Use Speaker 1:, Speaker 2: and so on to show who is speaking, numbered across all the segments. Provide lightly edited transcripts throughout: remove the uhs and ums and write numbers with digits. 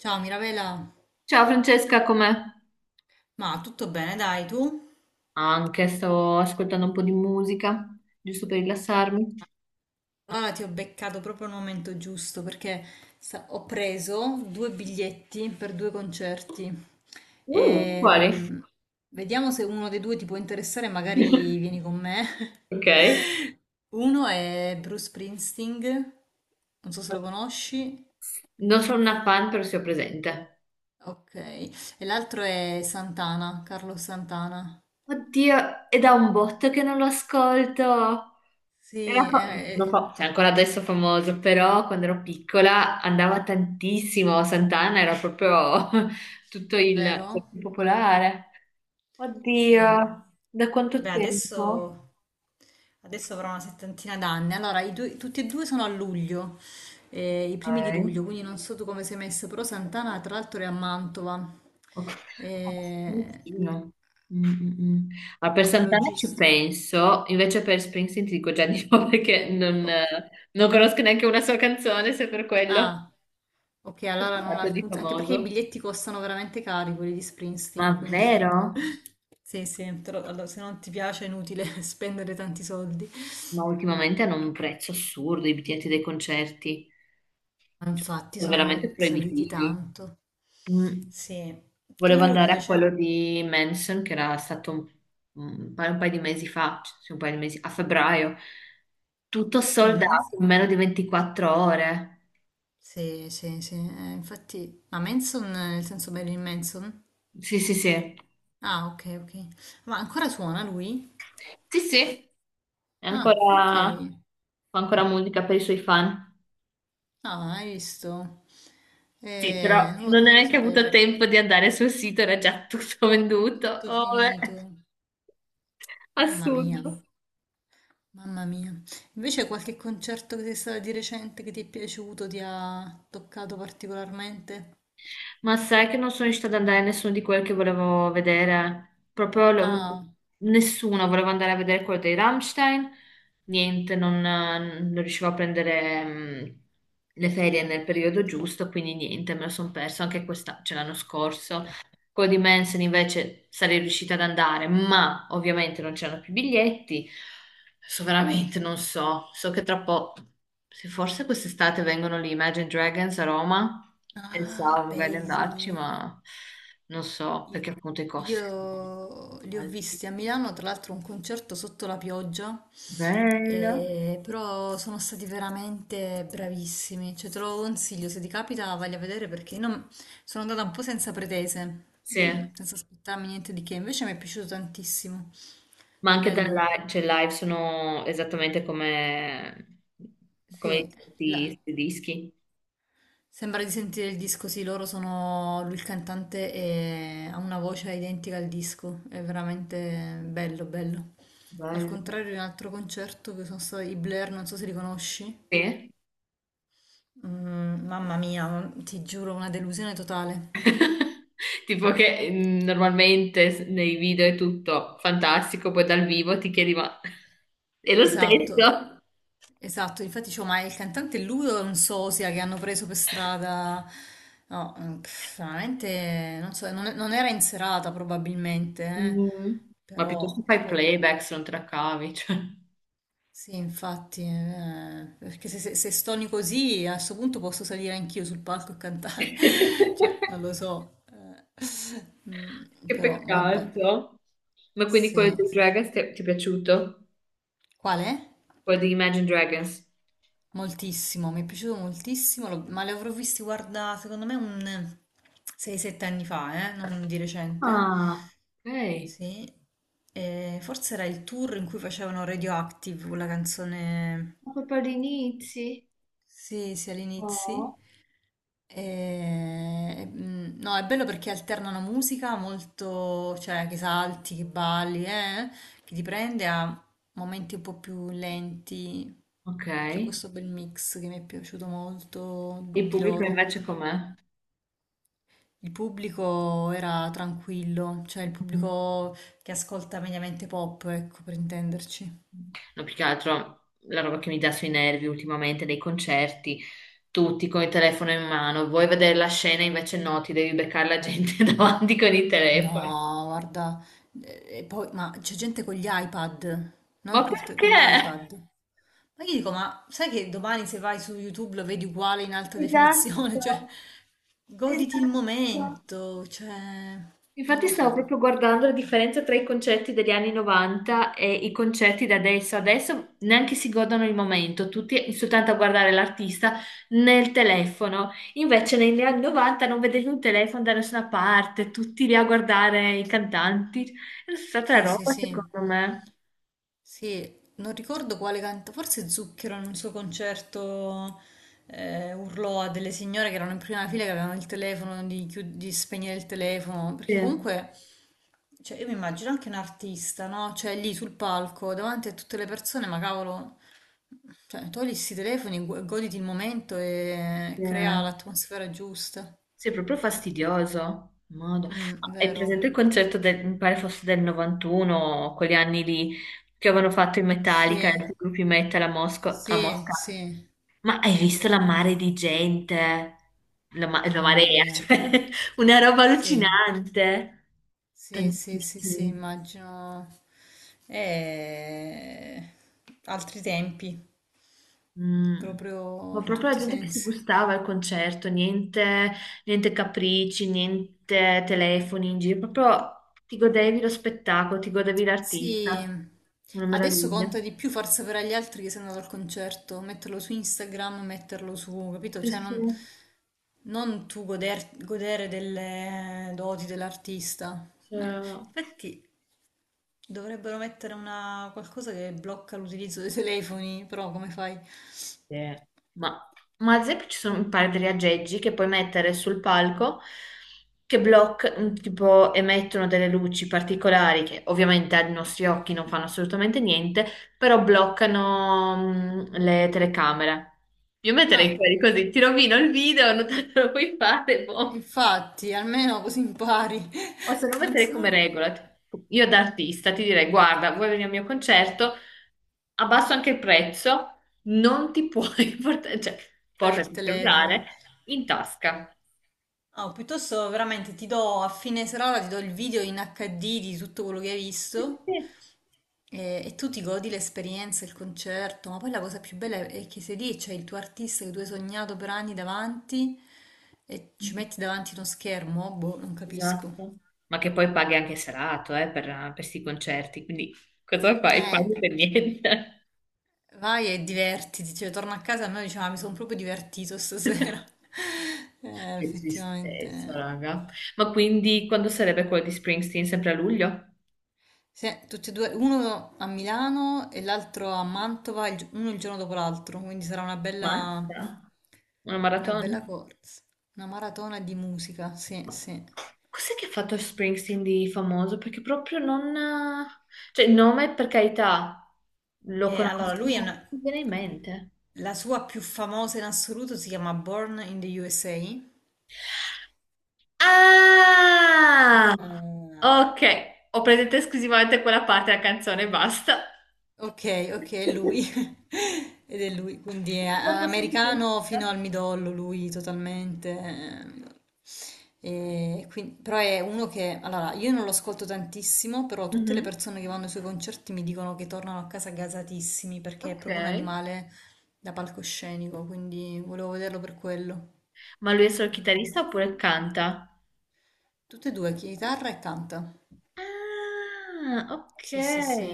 Speaker 1: Ciao Mirabella,
Speaker 2: Ciao Francesca, com'è?
Speaker 1: ma tutto bene, dai tu?
Speaker 2: Anche sto ascoltando un po' di musica, giusto per rilassarmi.
Speaker 1: Allora ti ho beccato proprio al momento giusto perché ho preso due biglietti per due concerti.
Speaker 2: Quali?
Speaker 1: Ehm, vediamo se uno dei due ti può interessare, magari vieni con me.
Speaker 2: Ok.
Speaker 1: Uno è Bruce Springsteen, non so se lo conosci.
Speaker 2: Non sono una fan, però sono presente.
Speaker 1: Ok, e l'altro è Santana, Carlos Santana.
Speaker 2: Oddio, è da un botto che non lo ascolto. Era
Speaker 1: Sì, è,
Speaker 2: fa- non
Speaker 1: è-
Speaker 2: fa- cioè, ancora adesso è famoso, però quando ero piccola andava tantissimo. Sant'Anna era proprio tutto il cioè,
Speaker 1: Vero?
Speaker 2: più popolare.
Speaker 1: Sì.
Speaker 2: Oddio, da quanto
Speaker 1: Vabbè,
Speaker 2: tempo?
Speaker 1: adesso avrò una settantina d'anni. Allora, tutti e due sono a luglio, i primi di
Speaker 2: Ok.
Speaker 1: luglio, quindi non so tu come sei messo, però Santana tra l'altro è a Mantova,
Speaker 2: Ok. Ah,
Speaker 1: eh,
Speaker 2: Santino. Mm, mm, mm. Allora, per
Speaker 1: come
Speaker 2: Santana ci
Speaker 1: logistica.
Speaker 2: penso, invece per Springsteen ti dico già di no perché non,
Speaker 1: Ok.
Speaker 2: eh, non conosco neanche una sua canzone, se per quello
Speaker 1: Ah, ok,
Speaker 2: è
Speaker 1: allora non ha
Speaker 2: stato di
Speaker 1: alcun... anche perché i
Speaker 2: famoso.
Speaker 1: biglietti costano veramente cari, quelli di
Speaker 2: Ma
Speaker 1: Springsteen,
Speaker 2: vero?
Speaker 1: quindi... Sì, sì, allora, se non ti piace è inutile spendere tanti soldi.
Speaker 2: Ma ultimamente hanno un prezzo assurdo i biglietti dei concerti,
Speaker 1: Ma
Speaker 2: cioè,
Speaker 1: infatti
Speaker 2: sono veramente
Speaker 1: sono saliti
Speaker 2: proibitivi.
Speaker 1: tanto.
Speaker 2: Mm.
Speaker 1: Sì,
Speaker 2: Volevo
Speaker 1: tu di
Speaker 2: andare a quello
Speaker 1: recente...
Speaker 2: di Manson, che era stato un, un paio di mesi fa, cioè, sì, un paio di mesi, a febbraio. Tutto
Speaker 1: Mhm.
Speaker 2: soldato in meno di 24 ore.
Speaker 1: Sì, sì, sì. Infatti, ma Manson, nel senso Marilyn Manson?
Speaker 2: Sì, sì, sì.
Speaker 1: Ah, ok, ok. Ma ancora suona lui?
Speaker 2: Sì, sì, è
Speaker 1: Ah, ok.
Speaker 2: ancora, fa ancora musica per i suoi fan.
Speaker 1: Ah, hai visto?
Speaker 2: Sì, però non hai
Speaker 1: Non lo
Speaker 2: neanche
Speaker 1: sapevo.
Speaker 2: avuto tempo di andare sul sito, era già tutto venduto.
Speaker 1: Tutto
Speaker 2: Oh, beh,
Speaker 1: finito. Mamma mia,
Speaker 2: assurdo.
Speaker 1: mamma mia. Invece qualche concerto che sei stato di recente che ti è piaciuto, ti ha toccato particolarmente?
Speaker 2: Ma sai che non sono riuscita ad andare a nessuno di quelli che volevo vedere?
Speaker 1: Ah,
Speaker 2: Nessuno. Volevo andare a vedere quello dei Rammstein. Niente, non riuscivo a prendere le ferie
Speaker 1: i
Speaker 2: nel periodo
Speaker 1: biglietti.
Speaker 2: giusto, quindi niente, me lo sono perso anche questa, cioè l'anno scorso. Quello di Manson invece sarei riuscita ad andare, ma ovviamente non c'erano più biglietti. Adesso veramente non so. So che tra poco, se forse quest'estate vengono gli Imagine Dragons a Roma,
Speaker 1: Ah,
Speaker 2: pensavo magari di andarci,
Speaker 1: belli.
Speaker 2: ma non so
Speaker 1: Io,
Speaker 2: perché appunto i costi sono
Speaker 1: io li ho
Speaker 2: alti.
Speaker 1: visti a Milano, tra l'altro un concerto sotto la pioggia,
Speaker 2: Bello.
Speaker 1: però sono stati veramente bravissimi. Cioè, te lo consiglio, se ti capita, vai a vedere perché non- sono andata un po' senza pretese,
Speaker 2: Sì,
Speaker 1: senza aspettarmi niente di che. Invece mi è piaciuto tantissimo.
Speaker 2: ma anche dal
Speaker 1: Bello.
Speaker 2: live, cioè live sono esattamente come, come i
Speaker 1: Sì,
Speaker 2: questi questi dischi.
Speaker 1: sembra di sentire il disco, sì, loro sono lui il cantante e ha una voce identica al disco, è veramente bello, bello. Al
Speaker 2: Bello.
Speaker 1: contrario di un altro concerto che sono stati i Blair, non so se li conosci.
Speaker 2: Sì.
Speaker 1: Mm, mamma mia, ti giuro, una delusione totale.
Speaker 2: Tipo che normalmente nei video è tutto fantastico, poi dal vivo ti chiedi ma è lo
Speaker 1: Esatto,
Speaker 2: stesso?
Speaker 1: esatto, infatti dicevo, ma il cantante è lui o è un sosia che hanno preso per strada? No, mm, pff, veramente, non so, non, non era in serata probabilmente, eh.
Speaker 2: Mm. Ma piuttosto
Speaker 1: Però
Speaker 2: fai
Speaker 1: proprio...
Speaker 2: playback se non te la cavi, cioè.
Speaker 1: Sì, infatti, perché se stoni così a questo punto posso salire anch'io sul palco e cantare, cioè non lo so, mm,
Speaker 2: Che
Speaker 1: però vabbè,
Speaker 2: peccato. Ma quindi quello
Speaker 1: sì,
Speaker 2: dei
Speaker 1: sì.
Speaker 2: Dragons ti è piaciuto?
Speaker 1: Qual è?
Speaker 2: Quello di Imagine Dragons?
Speaker 1: Moltissimo, mi è piaciuto moltissimo, ma li avrò visti, guarda, secondo me un 6-7 anni fa, non di recente,
Speaker 2: Ah, ok.
Speaker 1: sì, e forse era il tour in cui facevano Radioactive, quella canzone...
Speaker 2: Ma proprio all'inizio?
Speaker 1: Sì, sì, all'inizio.
Speaker 2: Oh.
Speaker 1: E, mm, no, è bello perché alternano musica molto, cioè che salti, che balli, che ti prende a momenti un po' più lenti.
Speaker 2: Ok.
Speaker 1: C'è questo bel mix che mi è piaciuto molto
Speaker 2: Il
Speaker 1: di
Speaker 2: pubblico
Speaker 1: loro.
Speaker 2: invece com'è?
Speaker 1: Il pubblico era tranquillo, cioè il pubblico che ascolta mediamente pop, ecco, per intenderci.
Speaker 2: No, più che altro la roba che mi dà sui nervi ultimamente dei concerti, tutti con il telefono in mano, vuoi vedere la scena, invece no, ti devi beccare la gente davanti con il telefono.
Speaker 1: No, guarda, e poi, ma c'è gente con gli iPad, non
Speaker 2: Ma
Speaker 1: col te- con
Speaker 2: perché?
Speaker 1: l'iPad. Ma io dico, ma sai che domani se vai su YouTube lo vedi uguale in alta definizione?
Speaker 2: Esatto,
Speaker 1: Cioè, goditi il
Speaker 2: esatto.
Speaker 1: momento, cioè, non
Speaker 2: Infatti
Speaker 1: lo
Speaker 2: stavo proprio
Speaker 1: so.
Speaker 2: guardando la differenza tra i concerti degli anni 90 e i concerti da adesso. Adesso neanche si godono il momento, tutti soltanto a guardare l'artista nel telefono. Invece negli anni 90 non vedevi un telefono da nessuna parte, tutti lì a guardare i cantanti. È stata
Speaker 1: Sì, sì,
Speaker 2: roba
Speaker 1: sì,
Speaker 2: secondo me.
Speaker 1: sì, non ricordo quale canta, forse Zucchero in un suo concerto urlò a delle signore che erano in prima fila che avevano il telefono, di spegnere il telefono,
Speaker 2: Sì,
Speaker 1: perché comunque... Cioè, io mi immagino anche un artista, no? Cioè, lì sul palco, davanti a tutte le persone, ma cavolo, cioè, togli sti telefoni, goditi il momento e
Speaker 2: sì.
Speaker 1: crea l'atmosfera giusta.
Speaker 2: Sì, è proprio fastidioso. Modo.
Speaker 1: Mm,
Speaker 2: Ma hai
Speaker 1: vero?
Speaker 2: presente il concerto del, mi pare fosse del 91, quegli anni lì che avevano fatto in Metallica,
Speaker 1: Sì,
Speaker 2: i gruppi metal a a
Speaker 1: sì,
Speaker 2: Mosca?
Speaker 1: sì,
Speaker 2: Ma hai
Speaker 1: sì.
Speaker 2: visto la mare di gente? La
Speaker 1: Mamma
Speaker 2: marea,
Speaker 1: mia.
Speaker 2: cioè, una roba
Speaker 1: Sì,
Speaker 2: allucinante.
Speaker 1: sì, sì, sì, sì,
Speaker 2: Tantissimi.
Speaker 1: immagino. Eh, altri tempi,
Speaker 2: Mm. Ma
Speaker 1: proprio in
Speaker 2: proprio la
Speaker 1: tutti i
Speaker 2: gente che si
Speaker 1: sensi.
Speaker 2: gustava al concerto, niente, niente capricci, niente telefoni in giro, proprio ti godevi lo spettacolo, ti godevi
Speaker 1: Sì,
Speaker 2: l'artista. Una
Speaker 1: adesso
Speaker 2: meraviglia.
Speaker 1: conta di più far sapere agli altri che sei andato al concerto, metterlo su Instagram, metterlo su, capito?
Speaker 2: Sì, sì, sì.
Speaker 1: Non tu godere delle doti dell'artista. Eh,
Speaker 2: Cioè,
Speaker 1: Infatti dovrebbero mettere una qualcosa che blocca l'utilizzo dei telefoni, però come fai?
Speaker 2: sì. Ma, ma, ad esempio ci sono un paio di aggeggi che puoi mettere sul palco che bloccano, tipo emettono delle luci particolari che ovviamente ai nostri occhi non fanno assolutamente niente, però bloccano le telecamere. Io metterei
Speaker 1: Ah,
Speaker 2: quelli così, ti rovino il video, non te lo puoi fare, boh.
Speaker 1: infatti, almeno così impari.
Speaker 2: O se no
Speaker 1: Non
Speaker 2: metterei
Speaker 1: so
Speaker 2: come regola, tipo, io da artista ti direi, guarda, vuoi venire al mio concerto, abbasso anche il prezzo, non ti puoi portare, cioè,
Speaker 1: usare
Speaker 2: portati
Speaker 1: il
Speaker 2: il cellulare
Speaker 1: telefono.
Speaker 2: in tasca.
Speaker 1: Oh, piuttosto veramente ti do a fine serata, ti do il video in HD di tutto quello che hai visto
Speaker 2: Sì,
Speaker 1: e tu ti godi l'esperienza, il concerto, ma poi la cosa più bella è che sei lì, e c'è il tuo artista che tu hai sognato per anni davanti e ci metti davanti uno schermo, boh, non capisco.
Speaker 2: esatto. Ma che poi paghi anche serato, per questi concerti, quindi cosa fai?
Speaker 1: Eh,
Speaker 2: Paghi per niente.
Speaker 1: vai e divertiti, cioè torno a casa e a me diceva, mi sono proprio divertito stasera.
Speaker 2: Che
Speaker 1: Effettivamente.
Speaker 2: tristezza, raga. Ma quindi quando sarebbe quello di Springsteen? Sempre a luglio?
Speaker 1: Tutti e due, uno a Milano e l'altro a Mantova, uno il giorno dopo l'altro, quindi sarà
Speaker 2: Ma? Una
Speaker 1: una
Speaker 2: maratona?
Speaker 1: bella corsa, una maratona di musica, sì,
Speaker 2: Ma-
Speaker 1: sì.
Speaker 2: Cos'è che ha fatto Springsteen di famoso? Perché proprio non... Cioè, il nome, per carità, lo
Speaker 1: Allora,
Speaker 2: conosco, ma non mi viene in mente.
Speaker 1: la sua più famosa in assoluto si chiama Born in the USA.
Speaker 2: Ah!
Speaker 1: Eh,
Speaker 2: Ok, ho presente esclusivamente quella parte della canzone e basta.
Speaker 1: Okay, okay, è
Speaker 2: Pensavo
Speaker 1: lui. Ed è lui, quindi è a
Speaker 2: fosse un
Speaker 1: americano fino al
Speaker 2: chitarrista.
Speaker 1: midollo lui totalmente. E quindi, però è uno che, allora, io non lo ascolto tantissimo, però tutte le
Speaker 2: Mhm,
Speaker 1: persone che vanno ai suoi concerti mi dicono che tornano a casa gasatissimi perché è
Speaker 2: ok.
Speaker 1: proprio un animale da palcoscenico, quindi volevo vederlo per quello.
Speaker 2: Ma lui è solo chitarrista oppure canta?
Speaker 1: Tutte e due, chitarra e canta.
Speaker 2: Ah, ok.
Speaker 1: Sì, sì, sì.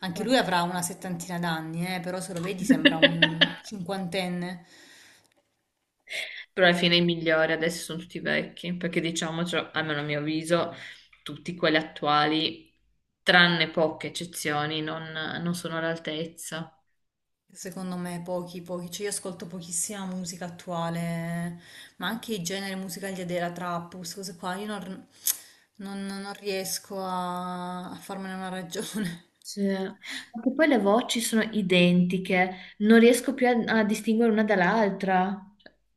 Speaker 1: Anche lui avrà una settantina d'anni, però se lo vedi sembra un cinquantenne.
Speaker 2: Però alla fine i migliori adesso sono tutti vecchi, perché diciamo, cioè, almeno a mio avviso, tutti quelli attuali, tranne poche eccezioni, non, non sono all'altezza.
Speaker 1: Secondo me pochi, pochi. Cioè io ascolto pochissima musica attuale, ma anche i generi musicali della trap, queste cose qua, io non, non- non riesco a, a farmene una ragione.
Speaker 2: Sì. Anche poi le voci sono identiche, non riesco più a, a distinguere una dall'altra.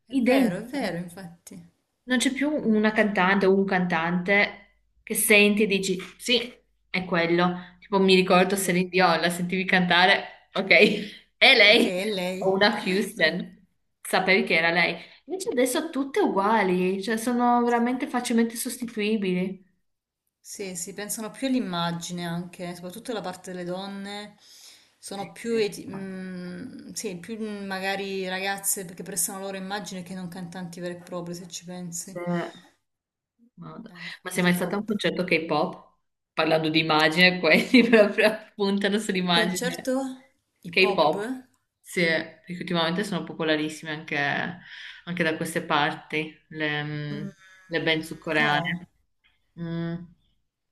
Speaker 1: È
Speaker 2: Identiche.
Speaker 1: vero, infatti.
Speaker 2: Non c'è più una cantante o un cantante che senti e dici sì, è quello. Tipo mi ricordo
Speaker 1: È lui.
Speaker 2: Celine Dion, la sentivi cantare, ok, è
Speaker 1: Ok,
Speaker 2: lei.
Speaker 1: è
Speaker 2: O
Speaker 1: lei.
Speaker 2: una
Speaker 1: Non,
Speaker 2: Houston, sapevi che era lei. Invece adesso tutte uguali, cioè sono
Speaker 1: sì.
Speaker 2: veramente facilmente sostituibili.
Speaker 1: Sì, si pensano più all'immagine anche, soprattutto la parte delle donne, sono
Speaker 2: Sì,
Speaker 1: più,
Speaker 2: sì.
Speaker 1: sì, più mm, magari ragazze che prestano la loro immagine che non cantanti veri e propri, se ci
Speaker 2: Sì.
Speaker 1: pensi.
Speaker 2: Madonna. Ma sei mai stata a un
Speaker 1: Purtroppo.
Speaker 2: concerto K-pop? Parlando di immagine, quelli proprio puntano
Speaker 1: Un
Speaker 2: sull'immagine
Speaker 1: concerto hip hop?
Speaker 2: K-pop. Sì, perché ultimamente sono popolarissime anche, anche da queste parti, le,
Speaker 1: Mm,
Speaker 2: le band sudcoreane.
Speaker 1: no.
Speaker 2: Mm.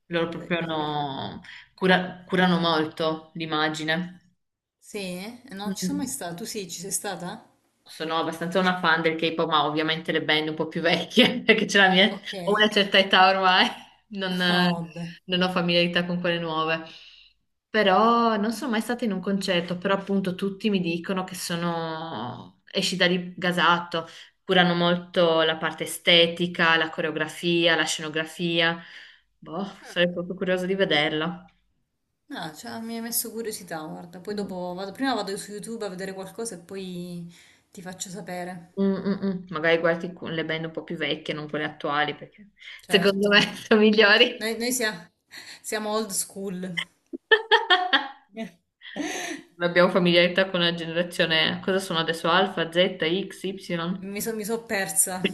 Speaker 2: Loro
Speaker 1: Eh,
Speaker 2: proprio curano molto l'immagine.
Speaker 1: sì, non ci sono mai
Speaker 2: Mm.
Speaker 1: stata. Tu sì, ci sei stata?
Speaker 2: Sono abbastanza una fan del K-pop, ma ovviamente le band un po' più vecchie, perché c'è la mia,
Speaker 1: Ok.
Speaker 2: ho una certa età ormai, non,
Speaker 1: Oh, vabbè.
Speaker 2: non ho familiarità con quelle nuove. Però non sono mai stata in un concerto, però appunto tutti mi dicono che sono, esci da lì gasato, curano molto la parte estetica, la coreografia, la scenografia. Boh, sarei proprio curiosa di vederla.
Speaker 1: No, cioè, mi hai messo curiosità, guarda. Poi
Speaker 2: Mm,
Speaker 1: dopo vado, prima vado su YouTube a vedere qualcosa e poi ti faccio sapere.
Speaker 2: mm, mm. Magari guardi le band un po' più vecchie, non quelle attuali, perché secondo
Speaker 1: Certo.
Speaker 2: me sono migliori.
Speaker 1: Noi, noi sia- Siamo old school. Eh.
Speaker 2: Non abbiamo familiarità con la generazione, cosa sono adesso? Alfa, Z, X, Y?
Speaker 1: Mi so persa.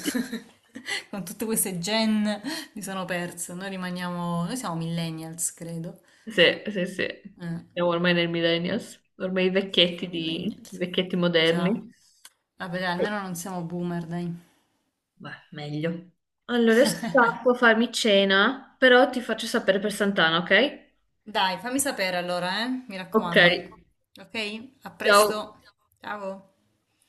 Speaker 1: Con tutte queste gen mi sono persa. Noi rimaniamo... Noi siamo millennials, credo.
Speaker 2: Sì, sì, sì.
Speaker 1: Eh,
Speaker 2: Siamo ormai nel millennials, ormai
Speaker 1: siamo dei
Speaker 2: i
Speaker 1: millennials.
Speaker 2: vecchietti
Speaker 1: Già.
Speaker 2: moderni.
Speaker 1: Vabbè, dai,
Speaker 2: Sì.
Speaker 1: almeno non siamo boomer, dai.
Speaker 2: Beh, meglio. Allora, adesso scappo a farmi cena, però ti faccio sapere per Sant'Anna, ok?
Speaker 1: Dai, fammi sapere allora, eh? Mi
Speaker 2: Ok,
Speaker 1: raccomando. Ok? A
Speaker 2: ciao.
Speaker 1: presto. Ciao.